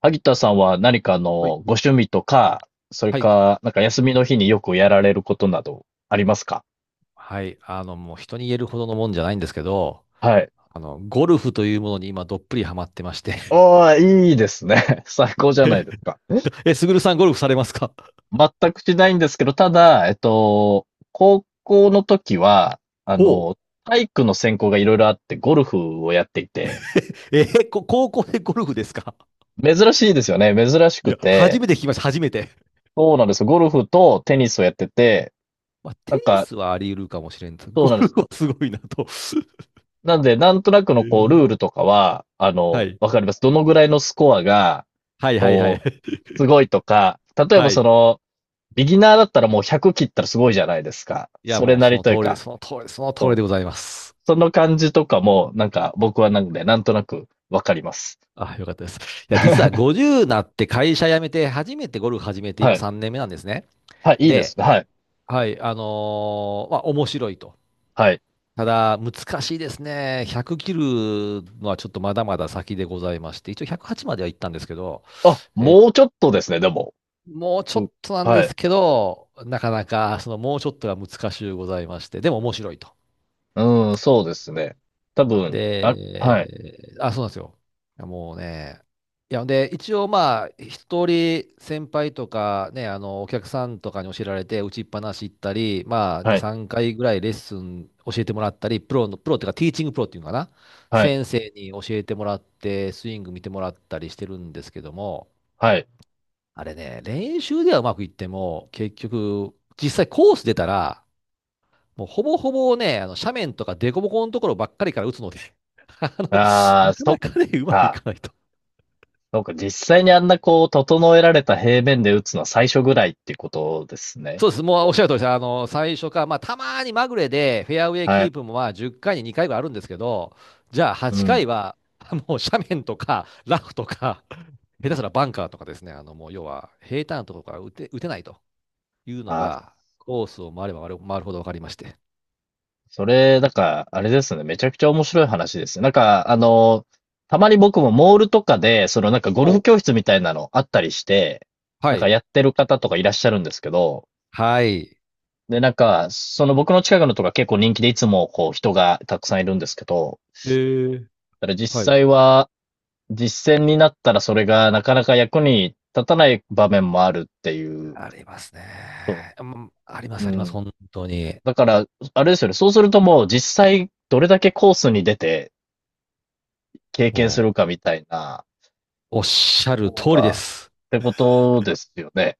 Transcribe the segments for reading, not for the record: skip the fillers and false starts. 萩田さんは何かはい。ご趣味とか、それはい。か、なんか休みの日によくやられることなどありますか？はい。もう人に言えるほどのもんじゃないんですけど、はい。ゴルフというものに今どっぷりハマってまして。おー、いいですね。最高じ ゃないですか。すぐるさんゴルフされますか？全くしないんですけど、ただ、高校の時は、あほう。の、体育の専攻がいろいろあって、ゴルフをやっていて、えーこ高校でゴルフですか？珍しいですよね。珍しいくや、初て、めて聞きました、初めて。そうなんですよ。ゴルフとテニスをやってて、まあ、なテんニか、スはあり得るかもしれんけど、そゴうなんでルす。フはすごいなと。なんで、なんとなくえのこう、ルーー、ルとかは、はい。わかります。どのぐらいのスコアが、はいはいはこい。う、す ごいとか、例えばはそい。の、ビギナーだったらもう100切ったらすごいじゃないですか。いや、それもうなそりのと通いうりで、か、その通り、その通りそでう。ございます。その感じとかも、なんか僕はなんで、なんとなくわかります。あ、よかったです。いや、実は 50なって会社辞めて、初めてゴルフ始めて、は今い。3年目なんですね。はい、いいでで、すね。はい。はい、まあ、面白いと。はい。ただ、難しいですね。100切るのはちょっとまだまだ先でございまして、一応108までは行ったんですけど、あ、え、もうちょっとですね、でも。もうちょうん、っとなんではい。すけど、なかなか、そのもうちょっとが難しゅうございまして、でも面白いと。うん、そうですね。多分、あ、はい、で、あ、そうなんですよ。いやもうね、いや、で、一応まあ、一人先輩とかね、お客さんとかに教えられて、打ちっぱなし行ったり、まあ、は2、い、3回ぐらいレッスン教えてもらったり、プロの、プロっていうか、ティーチングプロっていうのかな、はい、先生に教えてもらって、スイング見てもらったりしてるんですけども、はい。あれね、練習ではうまくいっても、結局、実際コース出たら、もうほぼほぼね、あの斜面とか凸凹のところばっかりから打つので、あの、ああ、なそっかなかね、うまくいか。かないと。そうか、実際にあんなこう、整えられた平面で打つのは最初ぐらいってことですね。そうです。もうおっしゃる通りです。最初か、まあ、たまにまぐれでフェアウェイはキい。ープもまあ10回に2回ぐらいあるんですけど、じゃあう8回ん。は、もう斜面とか、ラフとか、下手すらバンカーとかですね、もう要は平坦なところから打て、打てないというのあ、が、コースを回れば回るほど分かりまして。それ、なんか、あれですね。めちゃくちゃ面白い話ですね。なんか、たまに僕もモールとかで、そのなんかゴルフお。教室みたいなのあったりして、なはんかい。やってる方とかいらっしゃるんですけど、はい。で、なんか、その僕の近くのとか結構人気でいつもこう人がたくさんいるんですけど、へー。ただ実はい。際は実践になったらそれがなかなか役に立たない場面もあるっていう。ありますそね。うんありまう。す、うあります、ん。本当に。だから、あれですよね。そうするともう実際どれだけコースに出て経験すもるかみたいなう、おっしゃる方通りでが、っす。てことですよね。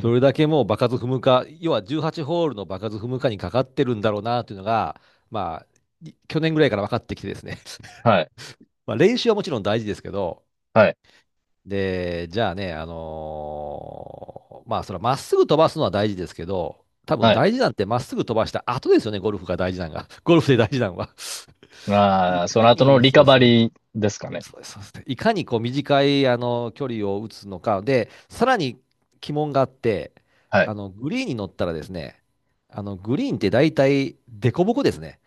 ど れだけもう場数踏むか、要は18ホールの場数踏むかにかかってるんだろうなというのが、まあ、去年ぐらいから分かってきてですね。はい。まあ、練習はもちろん大事ですけど、はい。で、じゃあね、まあ、それはまっすぐ飛ばすのは大事ですけど、多分はい。大事なんてまっすぐ飛ばした後ですよね、ゴルフが大事なのが。ゴルフで大事なのは。いああ、そかの後のに、リそカうでバす。リーですかね。そうです、そうです。いかにこう短いあの距離を打つのか。で、さらに鬼門があって、はい。グリーンに乗ったらですね、グリーンって大体凸凹ですね。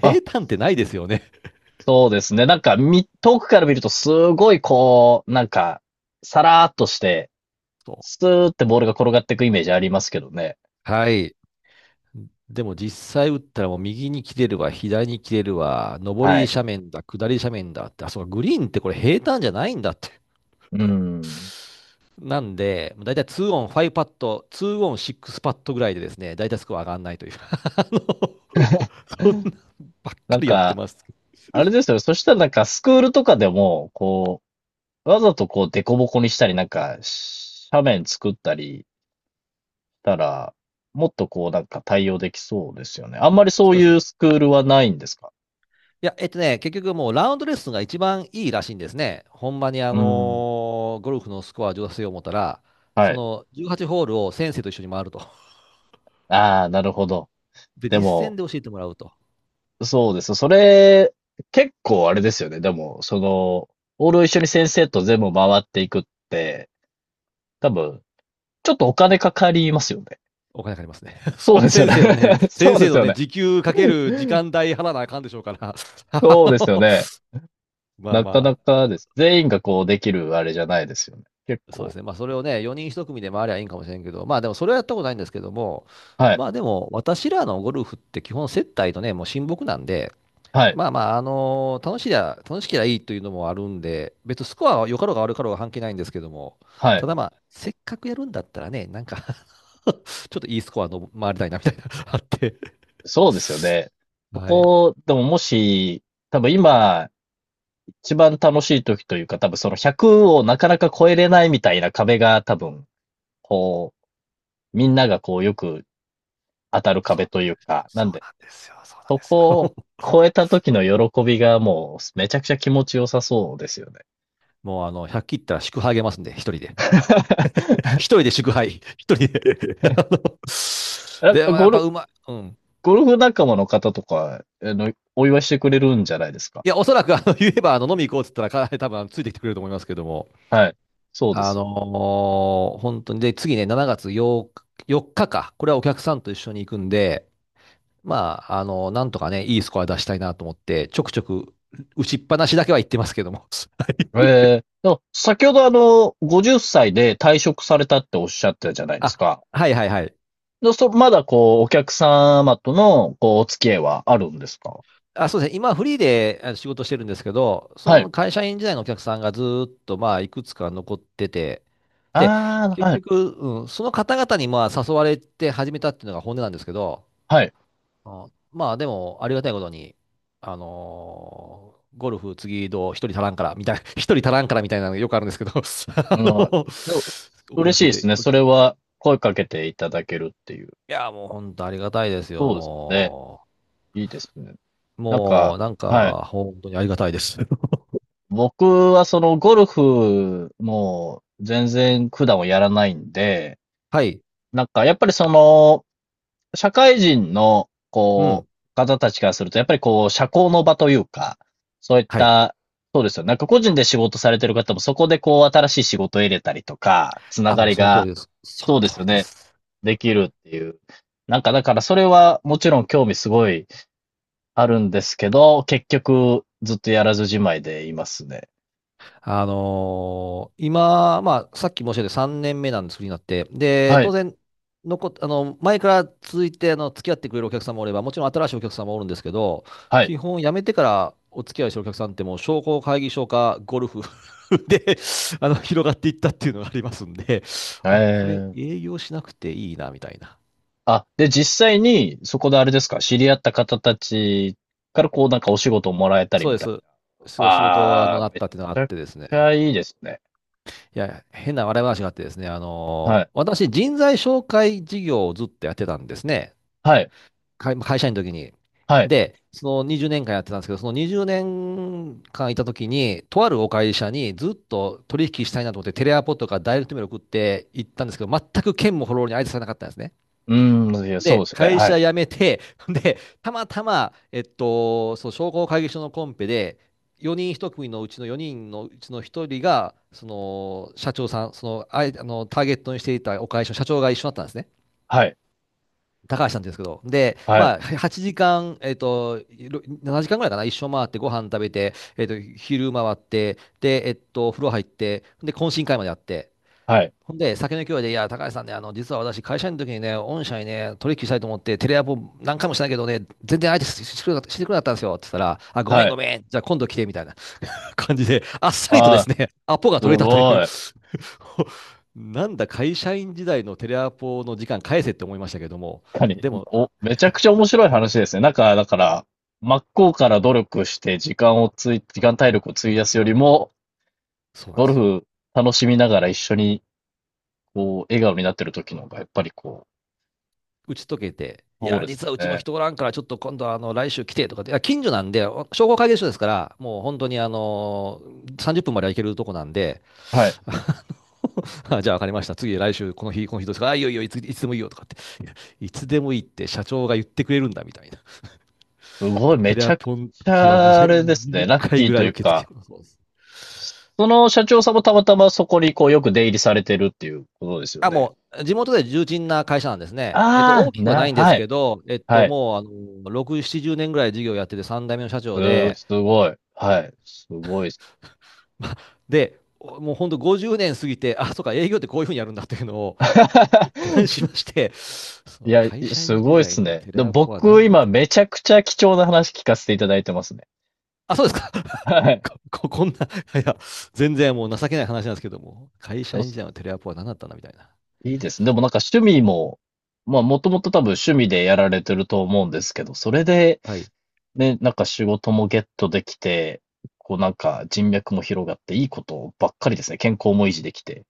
あ、平坦ってないですよね。そうですね。なんか、遠くから見るとすごいこう、なんか、さらーっとして、そスーってボールが転がっていくイメージありますけどね。う。はい。でも実際打ったらもう右に切れるわ、左に切れるわ、上はりい。斜面だ、下り斜面だって、あ、そうか、グリーンってこれ平坦じゃないんだって。うん。なんで、だいたい2オン5パット、2オン6パットぐらいでですね、だいたいスコア上がらないという。あの、そんなばっなかんりやってか、ます。あれですよ。そしたらなんかスクールとかでも、こう、わざとこう、デコボコにしたり、なんか、斜面作ったりしたら、もっとこう、なんか対応できそうですよね。あんまりそうそうですいうね。スクールはないんですか？いや、結局もうラウンドレッスンが一番いいらしいんですね。ほんまにうん。ゴルフのスコア上達を思ったら、はそい。の18ホールを先生と一緒に回ると。ああ、なるほど。で、で実践も、で教えてもらうと。そうです。それ、結構あれですよね。でも、その、オールを一緒に先生と全部回っていくって、多分、ちょっとお金かかりますよね。お金かかりますね。そそれうはですよ先ね。生のね、そ先うで生すのよね、ね。時給かける時間代払わなあかんでしょうから。あそうですよのね。まあなかなまかです。全員がこうできるあれじゃないですよね。結そうです構。ね。まあ、それをね、4人一組で回りゃいいんかもしれんけど、まあ、でもそれはやったことないんですけども、はい。まあ、でも、私らのゴルフって基本接待とね、もう親睦なんで、はい。まあまあ、楽しいや楽しきゃいいというのもあるんで、別にスコアは良かろうが悪かろうが関係ないんですけども、はい。ただまあ、せっかくやるんだったらね、なんか ちょっといいスコアの回りたいなみたいな、あって。そうですよね。そはい。こ、でももし、多分今、一番楽しい時というか、多分その100をなかなか超えれないみたいな壁が多分、こう、みんながこうよく当たるそう壁なというんですよ。か、なそんうで、なんですよ。そうなんそですこをよ。超えた時の喜びがもうめちゃくちゃ気持ちよさそうですよね。もう、100切ったら祝杯あげますんで、一人で。一人 で祝杯。一人で ゴでーもやゴっぱルうまい。うん。ゴルフ仲間の方とか、お祝いしてくれるんじゃないですか。いや、おそらく言えば飲み行こうって言ったら、彼多分ついてきてくれると思いますけども。はい。そうであすの本当に。で、次ね、7月日、4日か。これはお客さんと一緒に行くんで、まあ、なんとかね、いいスコア出したいなと思って、ちょくちょく打ちっぱなしだけは言ってますけども。よ。ええ。でも先ほどあの、50歳で退職されたっておっしゃってたじゃない ですあ、か。はいはいはい。まだこう、お客様との、こう、お付き合いはあるんですか？あ、そうですね。今フリーで仕事してるんですけど、はそい。の会社員時代のお客さんがずーっとまあいくつか残ってて、で、ああ、結はい。局、うん、その方々にまあ誘われて始めたっていうのが本音なんですけど、はい。あまあでもありがたいことに、ゴルフ次どう一人足らんからみたいな、一人足らんからみたいなのがよくあるんですけど、うん。でも、お声嬉がしいけですで。ね。それは、声かけていただけるっていう。いや、もう本当ありがたいですよ、そうですよね。もいいですね。う。なんもか、うなんはい。か本当にありがたいです。僕はそのゴルフも全然普段はやらないんで、はい。なんかやっぱりその社会人のうこん。う方たちからするとやっぱりこう社交の場というか、そういっはい。た、そうですよ。なんか個人で仕事されてる方もそこでこう新しい仕事を入れたりとか、つなあ、がもうりその通が、りです。そそうので通すよりでね、す。できるっていう。なんかだからそれはもちろん興味すごいあるんですけど、結局ずっとやらずじまいでいますね。今、まあ、さっき申し上げた3年目なんです、フリーになって。で、は当い。然、前から続いて、付き合ってくれるお客さんもおれば、もちろん新しいお客さんもおるんですけど、はい。基本辞めてからお付き合いしてるお客さんってもう商工会議所かゴルフ で、広がっていったっていうのがありますんで、えあ、これえ。営業しなくていいな、みたいな。あ、で、実際に、そこであれですか、知り合った方たちからこうなんかお仕事をもらえたりそうみでたいす。な。そう、仕事、ああ、なっめちたっていうのがあっゃくてですちね。ゃいいですね。いや、変な笑い話があってですね、はい。私、人材紹介事業をずっとやってたんですね。はい。会社員の時に。はい。で、その20年間やってたんですけど、その20年間いた時に、とあるお会社にずっと取引したいなと思って、テレアポとかダイレクトメール送って行ったんですけど、全く県もフォローに相手されなかったんですね。うーん、いや、そうで、ですよね。会はい。社辞めて、で、たまたま、そう、商工会議所のコンペで、4人一組のうちの4人のうちの1人が、その、社長さん、その、ターゲットにしていたお会社の社長が一緒だったんですね。はい。高橋さんって言うんですけど。で、はい。まあ、8時間、7時間ぐらいかな、一緒回って、ご飯食べて、昼回って、で、風呂入って、で、懇親会までやって、はい。ほんで、酒の勢いで、いや、高橋さんね、実は私、会社員の時にね、御社にね、取引したいと思って、テレアポ何回もしたけどね、全然相手ししてくれなかったんですよ、って言ったら、あ、ごめはんい。ごめん、じゃあ今度来て、みたいな 感じで、あっさりとあですあ、ね、アポがす取れたという ごい。なんだ、会社員時代のテレアポの時間返せって思いましたけども、確かに。でも、お、めちゃくちゃ面白い話ですね。なんか、だから、真っ向から努力して時間をつい、時間体力を費やすよりも、そうなんゴでルすよ。フ楽しみながら一緒に、こう、笑顔になってる時の方が、やっぱりこう、打ち解けて、いそうや、です実はうちもね。人おらんから、ちょっと今度来週来てとかって、いや近所なんで、商工会議所ですから、もう本当に30分までは行けるとこなんで、はい。ああじゃあ分かりました、次来週、この日どうですか？あ、いいよいいよ、いつでもいいよとかって、いやいつでもいいって社長が言ってくれるんだみたいな。すごい、テめレちアゃくポのち時はゃ、あれですね。20ラッ回キーぐらといいう受け付か、けます。その社長さんもたまたまそこにこうよく出入りされてるっていうことですよあ、ね。もう、地元で重鎮な会社なんですね。ああ、大きくはなな、いんではすい、けど、はい。もう、6、70年ぐらい事業やってて、3代目の社長で、すごい。はい。すごいっす。まあで、もう本当50年過ぎて、あ、そうか、営業ってこういうふうにやるんだっていうのを一貫し まして、そいのや、会社す員時ごいっ代すのね。テレでもアポはな僕、んだみた今、いな。めちゃくちゃ貴重な話聞かせていただいてますね。あ、そうですか。は い。ここんな、いや、全然もう情けない話なんですけども、会社よ員し、時代のテレアポは何だったんだみたいな。いいですね。でもなんか趣味も、まあ、もともと多分趣味でやられてると思うんですけど、それで、はい。で、なんか仕事もゲットできて、こうなんか人脈も広がっていいことばっかりですね。健康も維持できて。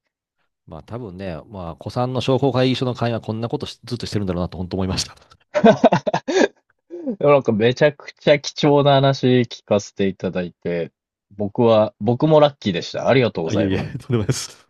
まあ多分ね、まあ、古参の商工会議所の会員はこんなことしずっとしてるんだろうなと本当思いました。でもなんかめちゃくちゃ貴重な話聞かせていただいて、僕は、僕もラッキーでした。ありがとうごあ、いざえいいます。え、とんでもないです。